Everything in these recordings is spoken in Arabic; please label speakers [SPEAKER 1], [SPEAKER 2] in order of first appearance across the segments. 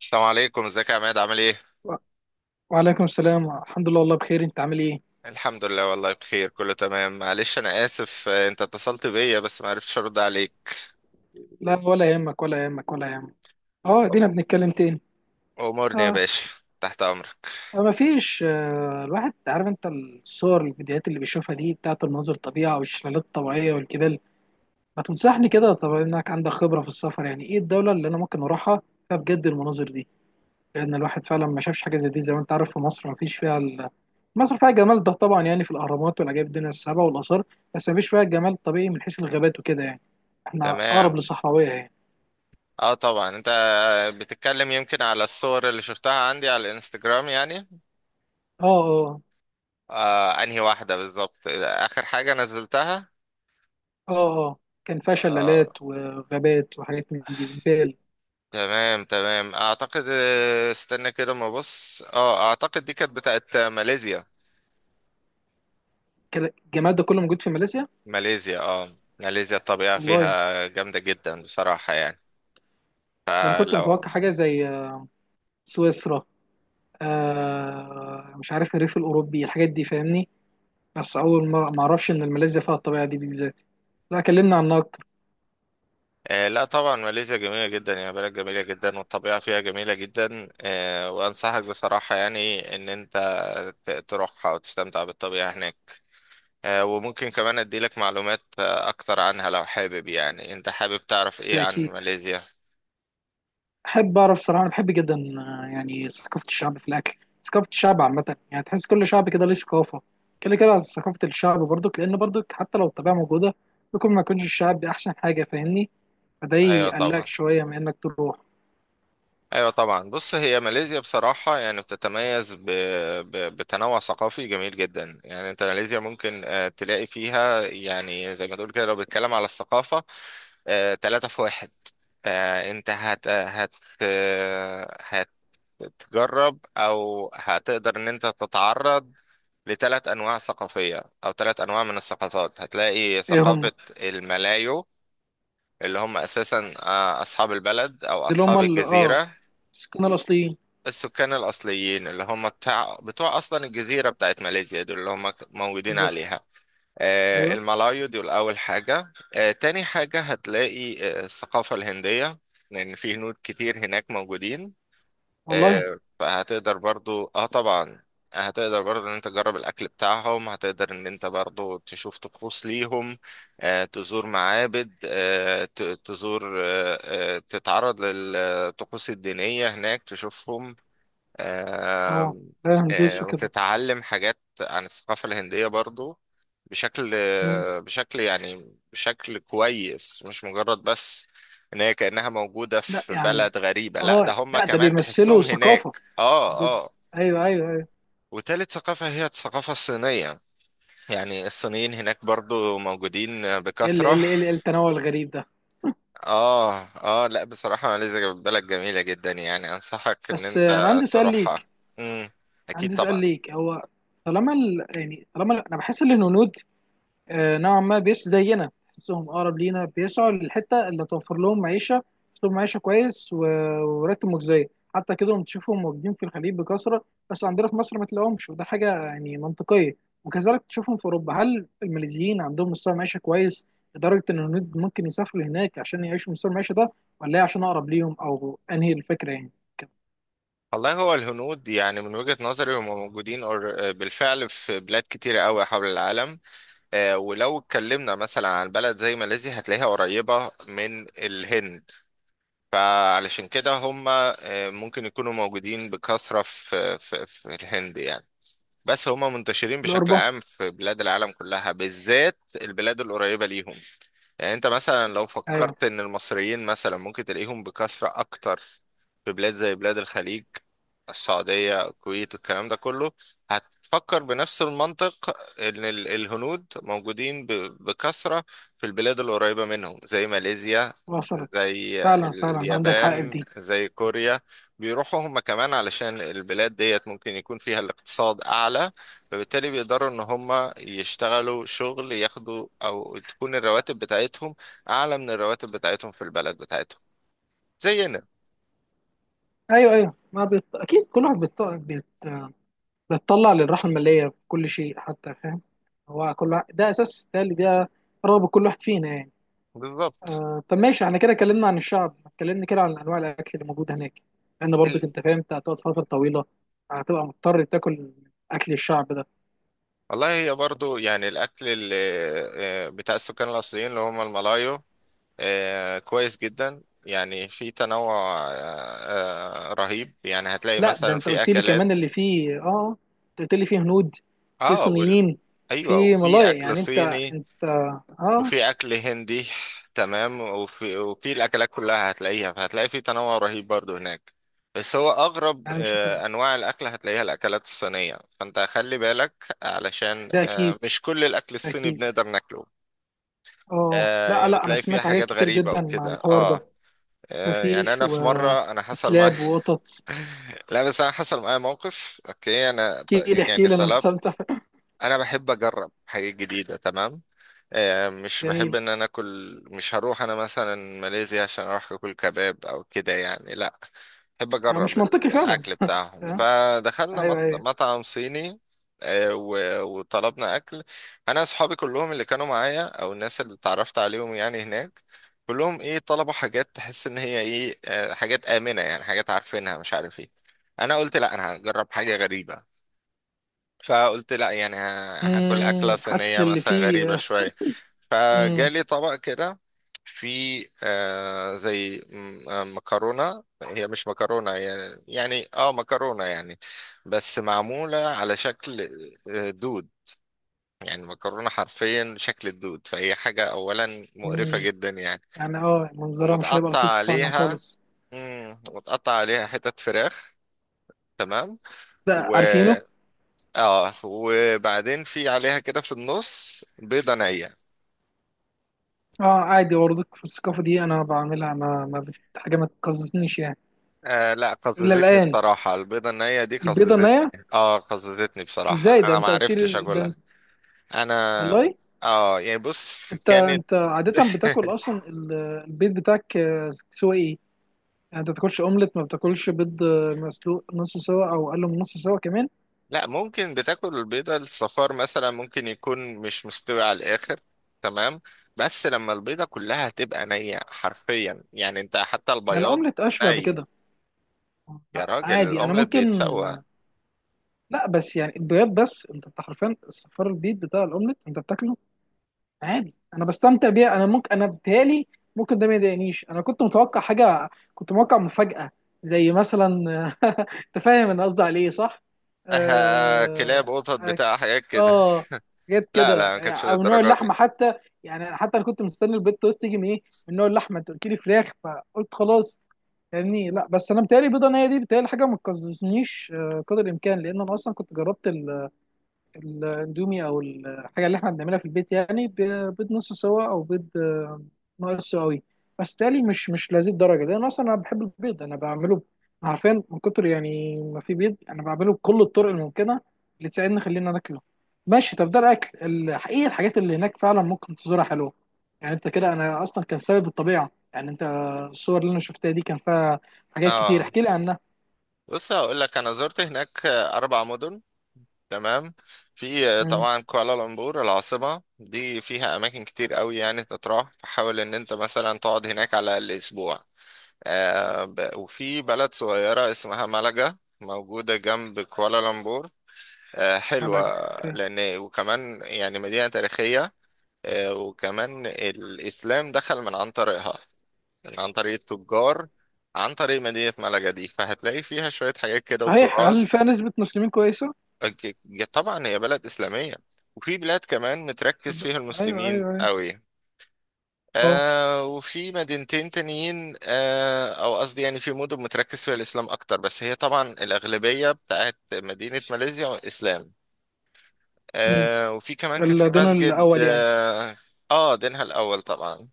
[SPEAKER 1] السلام عليكم، ازيك يا عماد؟ عامل ايه؟
[SPEAKER 2] و- وعليكم السلام، الحمد لله والله بخير. انت عامل ايه؟
[SPEAKER 1] الحمد لله والله بخير، كله تمام. معلش انا اسف، انت اتصلت بيا بس ما عرفتش ارد عليك.
[SPEAKER 2] لا ولا يهمك، ولا يهمك، ولا يهمك. اه دينا بنتكلم تاني.
[SPEAKER 1] امورني يا
[SPEAKER 2] اه
[SPEAKER 1] باشا، تحت امرك.
[SPEAKER 2] ما فيش. الواحد عارف، انت الصور الفيديوهات اللي بيشوفها دي بتاعت المناظر الطبيعة والشلالات الطبيعية والجبال، ما تنصحني كده. طب انك عندك خبرة في السفر، يعني ايه الدولة اللي انا ممكن اروحها فيها بجد المناظر دي؟ لان الواحد فعلا ما شافش حاجة زي دي. زي ما انت عارف، في مصر ما فيش فيها مصر فيها جمال ده طبعا، يعني في الاهرامات والعجائب الدنيا السبع والاثار، بس ما فيش فيها الجمال الطبيعي من حيث الغابات وكده يعني. احنا اقرب
[SPEAKER 1] تمام.
[SPEAKER 2] لصحراوية يعني.
[SPEAKER 1] اه طبعا، انت بتتكلم يمكن على الصور اللي شفتها عندي على الانستجرام يعني.
[SPEAKER 2] اه. اه.
[SPEAKER 1] آه، انهي واحدة بالظبط اخر حاجة نزلتها؟
[SPEAKER 2] اه. اه كان فيها
[SPEAKER 1] اه.
[SPEAKER 2] شلالات وغابات وحاجات من دي وجبال.
[SPEAKER 1] تمام اعتقد، استنى كده ما بص، اه اعتقد دي كانت بتاعت ماليزيا.
[SPEAKER 2] كان الجمال ده كله موجود في ماليزيا؟
[SPEAKER 1] ماليزيا، اه. ماليزيا الطبيعة
[SPEAKER 2] والله
[SPEAKER 1] فيها جامدة جدا بصراحة يعني.
[SPEAKER 2] ده انا كنت
[SPEAKER 1] فلو،
[SPEAKER 2] متوقع حاجه زي سويسرا، آه مش عارف الريف الاوروبي الحاجات دي، فاهمني. بس اول مره ما اعرفش ان ماليزيا فيها الطبيعه دي بالذات. لا كلمنا عنها اكتر.
[SPEAKER 1] آه لا طبعا ماليزيا جميلة جدا يعني، بلد جميلة جدا والطبيعة فيها جميلة جدا. وأنصحك بصراحة يعني إن أنت تروحها وتستمتع بالطبيعة هناك. وممكن كمان أديلك معلومات أكتر عنها لو حابب. يعني أنت حابب تعرف إيه
[SPEAKER 2] ده
[SPEAKER 1] عن
[SPEAKER 2] اكيد
[SPEAKER 1] ماليزيا؟
[SPEAKER 2] احب اعرف صراحه. انا بحب جدا يعني ثقافه الشعب في الاكل. ثقافه الشعب عامه، يعني تحس كل شعب كده ليه ثقافه. كده كده ثقافه الشعب برضك، لان برضك حتى لو الطبيعه موجوده، ممكن ما يكونش الشعب دي احسن حاجه، فاهمني. فده
[SPEAKER 1] أيوة
[SPEAKER 2] يقلقك
[SPEAKER 1] طبعا.
[SPEAKER 2] شويه من انك تروح.
[SPEAKER 1] ايوه طبعا، بص هي ماليزيا بصراحه يعني بتتميز بتنوع ثقافي جميل جدا. يعني انت ماليزيا ممكن تلاقي فيها، يعني زي ما تقول كده، لو بتتكلم على الثقافه، تلاتة في واحد. انت هت هت آه، هتجرب او هتقدر ان انت تتعرض لثلاث انواع ثقافيه او ثلاث انواع من الثقافات. هتلاقي
[SPEAKER 2] ايه هم دول؟
[SPEAKER 1] ثقافه الملايو، اللي هم اساسا اصحاب البلد او
[SPEAKER 2] اللي هم
[SPEAKER 1] اصحاب
[SPEAKER 2] ال- اه
[SPEAKER 1] الجزيره.
[SPEAKER 2] السكان الاصليين.
[SPEAKER 1] السكان الأصليين اللي هم بتوع أصلا الجزيرة بتاعت ماليزيا، دول اللي هم موجودين
[SPEAKER 2] بالظبط.
[SPEAKER 1] عليها.
[SPEAKER 2] ايوه.
[SPEAKER 1] الملايو دول أول حاجة. تاني حاجة هتلاقي الثقافة الهندية، لأن في هنود كتير هناك موجودين.
[SPEAKER 2] والله.
[SPEAKER 1] فهتقدر برضو، اه طبعا هتقدر برضو ان انت تجرب الاكل بتاعهم، هتقدر ان انت برضو تشوف طقوس ليهم، تزور معابد، آه، ت- تزور آه، آه، تتعرض للطقوس الدينية هناك تشوفهم.
[SPEAKER 2] اه.
[SPEAKER 1] آم،
[SPEAKER 2] لا
[SPEAKER 1] آه،
[SPEAKER 2] هندوس وكده.
[SPEAKER 1] وتتعلم حاجات عن الثقافة الهندية برضو بشكل
[SPEAKER 2] مم.
[SPEAKER 1] بشكل يعني بشكل كويس، مش مجرد بس ان هي كأنها موجودة
[SPEAKER 2] لا
[SPEAKER 1] في
[SPEAKER 2] يعني
[SPEAKER 1] بلد غريبة، لا ده
[SPEAKER 2] اه
[SPEAKER 1] هم
[SPEAKER 2] لا، ده
[SPEAKER 1] كمان
[SPEAKER 2] بيمثلوا
[SPEAKER 1] تحسهم
[SPEAKER 2] ثقافه
[SPEAKER 1] هناك. اه
[SPEAKER 2] موجوده.
[SPEAKER 1] اه.
[SPEAKER 2] ايوه ايوه ايوه.
[SPEAKER 1] وتالت ثقافة هي الثقافة الصينية، يعني الصينيين هناك برضو موجودين
[SPEAKER 2] ايه ال- ايه
[SPEAKER 1] بكثرة.
[SPEAKER 2] ال- إيه التنوع الغريب ده!
[SPEAKER 1] اه اه، لا بصراحة ماليزيا بلد جميلة جدا، يعني انصحك ان
[SPEAKER 2] بس
[SPEAKER 1] انت
[SPEAKER 2] انا عندي سؤال
[SPEAKER 1] تروحها.
[SPEAKER 2] ليك.
[SPEAKER 1] امم، اكيد
[SPEAKER 2] عندي سؤال
[SPEAKER 1] طبعا.
[SPEAKER 2] ليك، هو طالما ال... يعني طالما ال- انا بحس ان الهنود نوعا ما بيش زينا، بحسهم اقرب لينا، بيسعوا للحته اللي توفر لهم معيشه، اسلوب معيشه كويس وراتب مجزي. حتى كده هم تشوفهم موجودين في الخليج بكثره، بس عندنا في مصر ما تلاقيهمش، وده حاجه يعني منطقيه. وكذلك تشوفهم في اوروبا. هل الماليزيين عندهم مستوى معيشه كويس لدرجه ان الهنود ممكن يسافروا هناك عشان يعيشوا مستوى المعيشه ده؟ ولا هي عشان اقرب ليهم، او انهي الفكره يعني كده؟
[SPEAKER 1] والله هو الهنود يعني من وجهة نظري هم موجودين بالفعل في بلاد كتيرة قوي حول العالم. ولو اتكلمنا مثلا عن بلد زي ماليزيا هتلاقيها قريبة من الهند، فعلشان كده هم ممكن يكونوا موجودين بكثرة في الهند يعني. بس هم منتشرين بشكل
[SPEAKER 2] لاوروبا.
[SPEAKER 1] عام في بلاد العالم كلها، بالذات البلاد القريبة ليهم. يعني انت مثلا لو
[SPEAKER 2] ايوه
[SPEAKER 1] فكرت ان المصريين مثلا ممكن تلاقيهم بكثرة اكتر في بلاد زي بلاد الخليج، السعودية الكويت والكلام ده كله، هتفكر بنفس المنطق ان الهنود موجودين بكثرة في البلاد القريبة منهم، زي ماليزيا،
[SPEAKER 2] وصلت.
[SPEAKER 1] زي
[SPEAKER 2] فعلا فعلا عندك حق في
[SPEAKER 1] اليابان،
[SPEAKER 2] دي.
[SPEAKER 1] زي كوريا. بيروحوا هم كمان علشان البلاد ديت ممكن يكون فيها الاقتصاد اعلى، فبالتالي بيقدروا ان هم يشتغلوا شغل ياخدوا، او تكون الرواتب بتاعتهم اعلى من الرواتب بتاعتهم في البلد بتاعتهم، زينا
[SPEAKER 2] ايوه ايوه. ما بيط... اكيد كل واحد بيط... بيت... بيتطلع للراحه الماليه في كل شيء حتى، فاهم. ده اساس، ده اللي ده رغبه كل واحد فينا يعني.
[SPEAKER 1] بالظبط.
[SPEAKER 2] طب ماشي، احنا كده اتكلمنا عن الشعب، اتكلمنا كده عن انواع الاكل اللي موجود هناك. لان
[SPEAKER 1] ال-
[SPEAKER 2] برضك انت فاهم، انت هتقعد فتره طويله، هتبقى مضطر تاكل اكل الشعب ده.
[SPEAKER 1] والله هي برضو يعني الاكل اللي بتاع السكان الاصليين اللي هم الملايو كويس جدا. يعني في تنوع رهيب، يعني هتلاقي
[SPEAKER 2] لا ده
[SPEAKER 1] مثلا
[SPEAKER 2] انت
[SPEAKER 1] في
[SPEAKER 2] قلت لي
[SPEAKER 1] اكلات.
[SPEAKER 2] كمان اللي فيه اه، انت قلت لي فيه هنود، في
[SPEAKER 1] اه وال...
[SPEAKER 2] صينيين،
[SPEAKER 1] ايوه
[SPEAKER 2] في
[SPEAKER 1] وفي
[SPEAKER 2] ملايق،
[SPEAKER 1] اكل
[SPEAKER 2] يعني انت
[SPEAKER 1] صيني
[SPEAKER 2] انت اه.
[SPEAKER 1] وفي اكل هندي. تمام، وفي الاكلات كلها هتلاقيها، فهتلاقي في تنوع رهيب برضو هناك. بس هو اغرب
[SPEAKER 2] يعني مش هتزهق،
[SPEAKER 1] انواع الاكل هتلاقيها الاكلات الصينيه، فانت خلي بالك علشان
[SPEAKER 2] ده اكيد.
[SPEAKER 1] مش كل الاكل الصيني
[SPEAKER 2] اكيد.
[SPEAKER 1] بنقدر ناكله.
[SPEAKER 2] اه لا
[SPEAKER 1] يعني
[SPEAKER 2] لا، انا
[SPEAKER 1] بتلاقي فيها
[SPEAKER 2] سمعت حاجات
[SPEAKER 1] حاجات
[SPEAKER 2] كتير
[SPEAKER 1] غريبه
[SPEAKER 2] جدا عن
[SPEAKER 1] وكده.
[SPEAKER 2] الحوار ده.
[SPEAKER 1] اه، يعني
[SPEAKER 2] مفيش
[SPEAKER 1] انا
[SPEAKER 2] و...
[SPEAKER 1] في مره انا حصل معايا
[SPEAKER 2] وكلاب وقطط.
[SPEAKER 1] لا بس انا حصل معايا موقف، اوكي.
[SPEAKER 2] احكي لي احكي
[SPEAKER 1] يعني
[SPEAKER 2] لي انا
[SPEAKER 1] طلبت،
[SPEAKER 2] مستمتع.
[SPEAKER 1] انا بحب اجرب حاجات جديده، تمام. مش بحب
[SPEAKER 2] جميل.
[SPEAKER 1] ان انا اكل، مش هروح انا مثلا ماليزيا عشان اروح اكل كباب او كده يعني، لا بحب اجرب
[SPEAKER 2] مش منطقي فعلا.
[SPEAKER 1] الاكل بتاعهم.
[SPEAKER 2] آه،
[SPEAKER 1] فدخلنا
[SPEAKER 2] ايوه ايوه.
[SPEAKER 1] مطعم صيني، وطلبنا اكل. انا اصحابي كلهم اللي كانوا معايا او الناس اللي اتعرفت عليهم يعني هناك، كلهم ايه، طلبوا حاجات تحس ان هي ايه، حاجات آمنة يعني، حاجات عارفينها مش عارف ايه. انا قلت لا انا هجرب حاجة غريبة، فقلت لا يعني هاكل أكلة
[SPEAKER 2] حاسس
[SPEAKER 1] صينية
[SPEAKER 2] اللي
[SPEAKER 1] مثلا غريبة
[SPEAKER 2] فيه.
[SPEAKER 1] شوية.
[SPEAKER 2] امم
[SPEAKER 1] فجالي طبق كده في آه زي م- آه، مكرونة، هي مش مكرونة، يعني اه مكرونة يعني، بس معمولة على شكل دود. يعني مكرونة حرفيا شكل الدود، فهي حاجة أولا مقرفة
[SPEAKER 2] امم
[SPEAKER 1] جدا يعني.
[SPEAKER 2] يعني اه منظرها مش هيبقى
[SPEAKER 1] ومتقطع
[SPEAKER 2] لطيف فعلا
[SPEAKER 1] عليها،
[SPEAKER 2] خالص.
[SPEAKER 1] متقطع عليها حتت فراخ، تمام.
[SPEAKER 2] ده عارفينه.
[SPEAKER 1] اه وبعدين في عليها كده في النص بيضة نية.
[SPEAKER 2] اه عادي، برضك في الثقافه دي انا بعملها ما ما بت... حاجه ما تقززنيش يعني.
[SPEAKER 1] آه لا
[SPEAKER 2] الا
[SPEAKER 1] قززتني
[SPEAKER 2] الان
[SPEAKER 1] بصراحة، البيضة النية دي
[SPEAKER 2] البيضه النيه؟
[SPEAKER 1] قززتني، اه قززتني بصراحة،
[SPEAKER 2] ازاي ده
[SPEAKER 1] انا ما
[SPEAKER 2] انت قلت لي،
[SPEAKER 1] عرفتش
[SPEAKER 2] ده
[SPEAKER 1] اكلها.
[SPEAKER 2] انت...
[SPEAKER 1] انا
[SPEAKER 2] والله.
[SPEAKER 1] اه يعني بص
[SPEAKER 2] انت
[SPEAKER 1] كانت
[SPEAKER 2] انت عادة بتاكل اصلا البيض بتاعك سوا ايه؟ يعني انت بتاكلش اومليت؟ ما بتاكلش بيض مسلوق نص سوا او اقل من نص سوا كمان؟
[SPEAKER 1] لا، ممكن بتاكل البيضة، الصفار مثلا ممكن يكون مش مستوي على الآخر، تمام، بس لما البيضة كلها تبقى نية حرفيا، يعني انت حتى
[SPEAKER 2] ما
[SPEAKER 1] البياض
[SPEAKER 2] الاومليت اشبه
[SPEAKER 1] ني.
[SPEAKER 2] بكده.
[SPEAKER 1] يا
[SPEAKER 2] لا،
[SPEAKER 1] راجل
[SPEAKER 2] عادي انا
[SPEAKER 1] الأومليت
[SPEAKER 2] ممكن.
[SPEAKER 1] بيتسوى.
[SPEAKER 2] لا بس يعني البيض، بس انت بتاع حرفيا الصفار. البيض بتاع الاومليت انت بتاكله عادي، انا بستمتع بيها. انا ممكن، انا بتهيألي ممكن ده ما يضايقنيش. انا كنت متوقع حاجة، كنت متوقع مفاجأة، زي مثلا انت فاهم انا قصدي على ايه صح؟
[SPEAKER 1] آه كلاب
[SPEAKER 2] آه،
[SPEAKER 1] قطط بتاع حاجات كده،
[SPEAKER 2] اه جت
[SPEAKER 1] لا
[SPEAKER 2] كده،
[SPEAKER 1] لا ما كانتش
[SPEAKER 2] او نوع
[SPEAKER 1] للدرجه دي.
[SPEAKER 2] اللحمه حتى. يعني انا حتى انا كنت مستني البيت توست تيجي من ايه، من نوع اللحمه. انت قلت لي فراخ فقلت خلاص، فاهمني. لا بس انا بتهيألي بيضه نيه دي بتهيألي حاجه ما تقززنيش قدر الامكان، لان انا اصلا كنت جربت الاندومي او الحاجه اللي احنا بنعملها في البيت، يعني بيض نص سوا او بيض ناقص سواوي. بس تالي مش لهذه الدرجه، لان اصلا انا بحب البيض. انا بعمله، عارفين، من كتر يعني ما في بيض انا بعمله بكل الطرق الممكنه اللي تساعدني خلينا ناكله. ماشي، طب ده الاكل. الحقيقه الحاجات اللي هناك فعلا ممكن تزورها حلوه. يعني انت كده، انا اصلا كان سبب الطبيعه. يعني انت الصور اللي انا شفتها دي كان فيها حاجات كتير،
[SPEAKER 1] اه،
[SPEAKER 2] احكي لي عنها.
[SPEAKER 1] بص هقول لك، انا زرت هناك اربع مدن، تمام. في
[SPEAKER 2] امم.
[SPEAKER 1] طبعا كوالالمبور العاصمه، دي فيها اماكن كتير قوي يعني تتراح، فحاول ان انت مثلا تقعد هناك على الاقل اسبوع. وفي بلد صغيره اسمها مالاجا موجوده جنب كوالالمبور، آه
[SPEAKER 2] ملاجئ،
[SPEAKER 1] حلوه،
[SPEAKER 2] اوكي.
[SPEAKER 1] لان وكمان يعني مدينه تاريخيه، آه وكمان الاسلام دخل من عن طريقها، يعني عن طريق التجار، عن طريق مدينة ملقا دي، فهتلاقي فيها شوية حاجات كده
[SPEAKER 2] صحيح، هل فيها
[SPEAKER 1] وتراث.
[SPEAKER 2] نسبه مسلمين كويسه؟
[SPEAKER 1] أك- طبعا هي بلد إسلامية، وفي بلاد كمان متركز
[SPEAKER 2] صدق.
[SPEAKER 1] فيها
[SPEAKER 2] ايوه
[SPEAKER 1] المسلمين
[SPEAKER 2] ايوه ايوه.
[SPEAKER 1] قوي.
[SPEAKER 2] اه.
[SPEAKER 1] آه وفي مدينتين تانيين آه أو قصدي يعني في مدن متركز فيها الإسلام أكتر، بس هي طبعا الأغلبية بتاعت مدينة ماليزيا إسلام.
[SPEAKER 2] أمم.
[SPEAKER 1] آه وفي كمان كان في
[SPEAKER 2] الدينار
[SPEAKER 1] مسجد
[SPEAKER 2] الاول يعني.
[SPEAKER 1] آه, آه دينها الأول طبعا.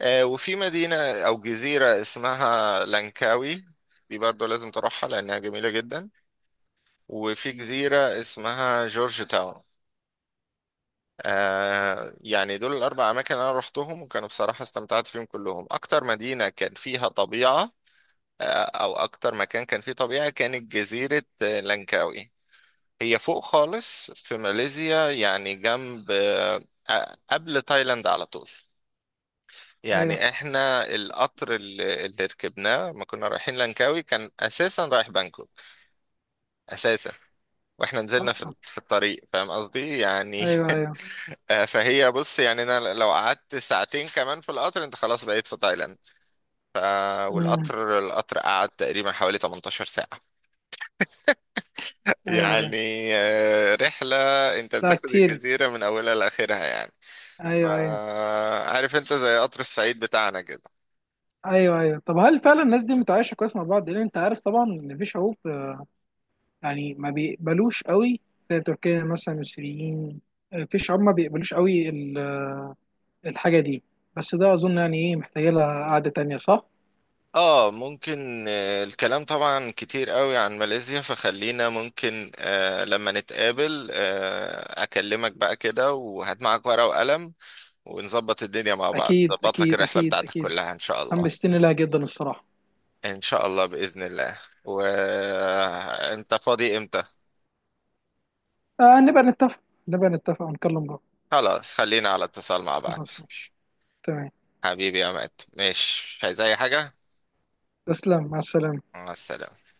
[SPEAKER 1] وفي مدينة أو جزيرة اسمها لانكاوي، دي برضه لازم تروحها لأنها جميلة جدا. وفي جزيرة اسمها جورج تاون. آه يعني دول الأربع أماكن أنا روحتهم، وكانوا بصراحة استمتعت فيهم كلهم. أكتر مدينة كان فيها طبيعة آه أو أكتر مكان كان فيه طبيعة كانت جزيرة لانكاوي. هي فوق خالص في ماليزيا يعني، جنب قبل تايلاند على طول.
[SPEAKER 2] ايوه
[SPEAKER 1] يعني احنا القطر اللي ركبناه لما كنا رايحين لانكاوي كان اساسا رايح بانكوك اساسا، واحنا نزلنا
[SPEAKER 2] اصلا.
[SPEAKER 1] في الطريق، فاهم قصدي يعني.
[SPEAKER 2] ايوه ايوه.
[SPEAKER 1] فهي بص يعني، انا لو قعدت ساعتين كمان في القطر انت خلاص بقيت في تايلاند. ف
[SPEAKER 2] امم.
[SPEAKER 1] القطر قعد تقريبا حوالي 18 ساعة
[SPEAKER 2] ايوه ايوه.
[SPEAKER 1] يعني. رحلة، انت
[SPEAKER 2] لا
[SPEAKER 1] بتاخد
[SPEAKER 2] كتير.
[SPEAKER 1] الجزيرة من اولها لاخرها يعني. ف-
[SPEAKER 2] ايوه ايوه
[SPEAKER 1] عارف انت زي قطر الصعيد بتاعنا كده.
[SPEAKER 2] ايوه. ايوه طب هل فعلا الناس دي متعايشه كويس مع بعض؟ لان انت عارف طبعا ان في شعوب يعني ما بيقبلوش قوي، زي تركيا مثلا السوريين. في شعوب ما بيقبلوش قوي الحاجه دي. بس ده اظن يعني ايه محتاجه لها قعده تانيه صح.
[SPEAKER 1] اه ممكن، الكلام طبعا كتير قوي عن ماليزيا، فخلينا ممكن لما نتقابل اكلمك بقى كده، وهات معاك ورقة وقلم، ونظبط الدنيا مع بعض،
[SPEAKER 2] اكيد
[SPEAKER 1] ظبط لك
[SPEAKER 2] اكيد
[SPEAKER 1] الرحلة
[SPEAKER 2] اكيد
[SPEAKER 1] بتاعتك
[SPEAKER 2] اكيد.
[SPEAKER 1] كلها ان شاء الله.
[SPEAKER 2] حمستني لها جدا الصراحه.
[SPEAKER 1] ان شاء الله بإذن الله. وانت فاضي امتى؟
[SPEAKER 2] نبقى نتفق. نبقى نتفق ونكلم بعض.
[SPEAKER 1] خلاص خلينا على اتصال مع بعض.
[SPEAKER 2] خلاص ماشي. تمام.
[SPEAKER 1] حبيبي يا مات، ماشي، مش عايز اي حاجة؟
[SPEAKER 2] تسلم، مع السلامة.
[SPEAKER 1] مع السلامة.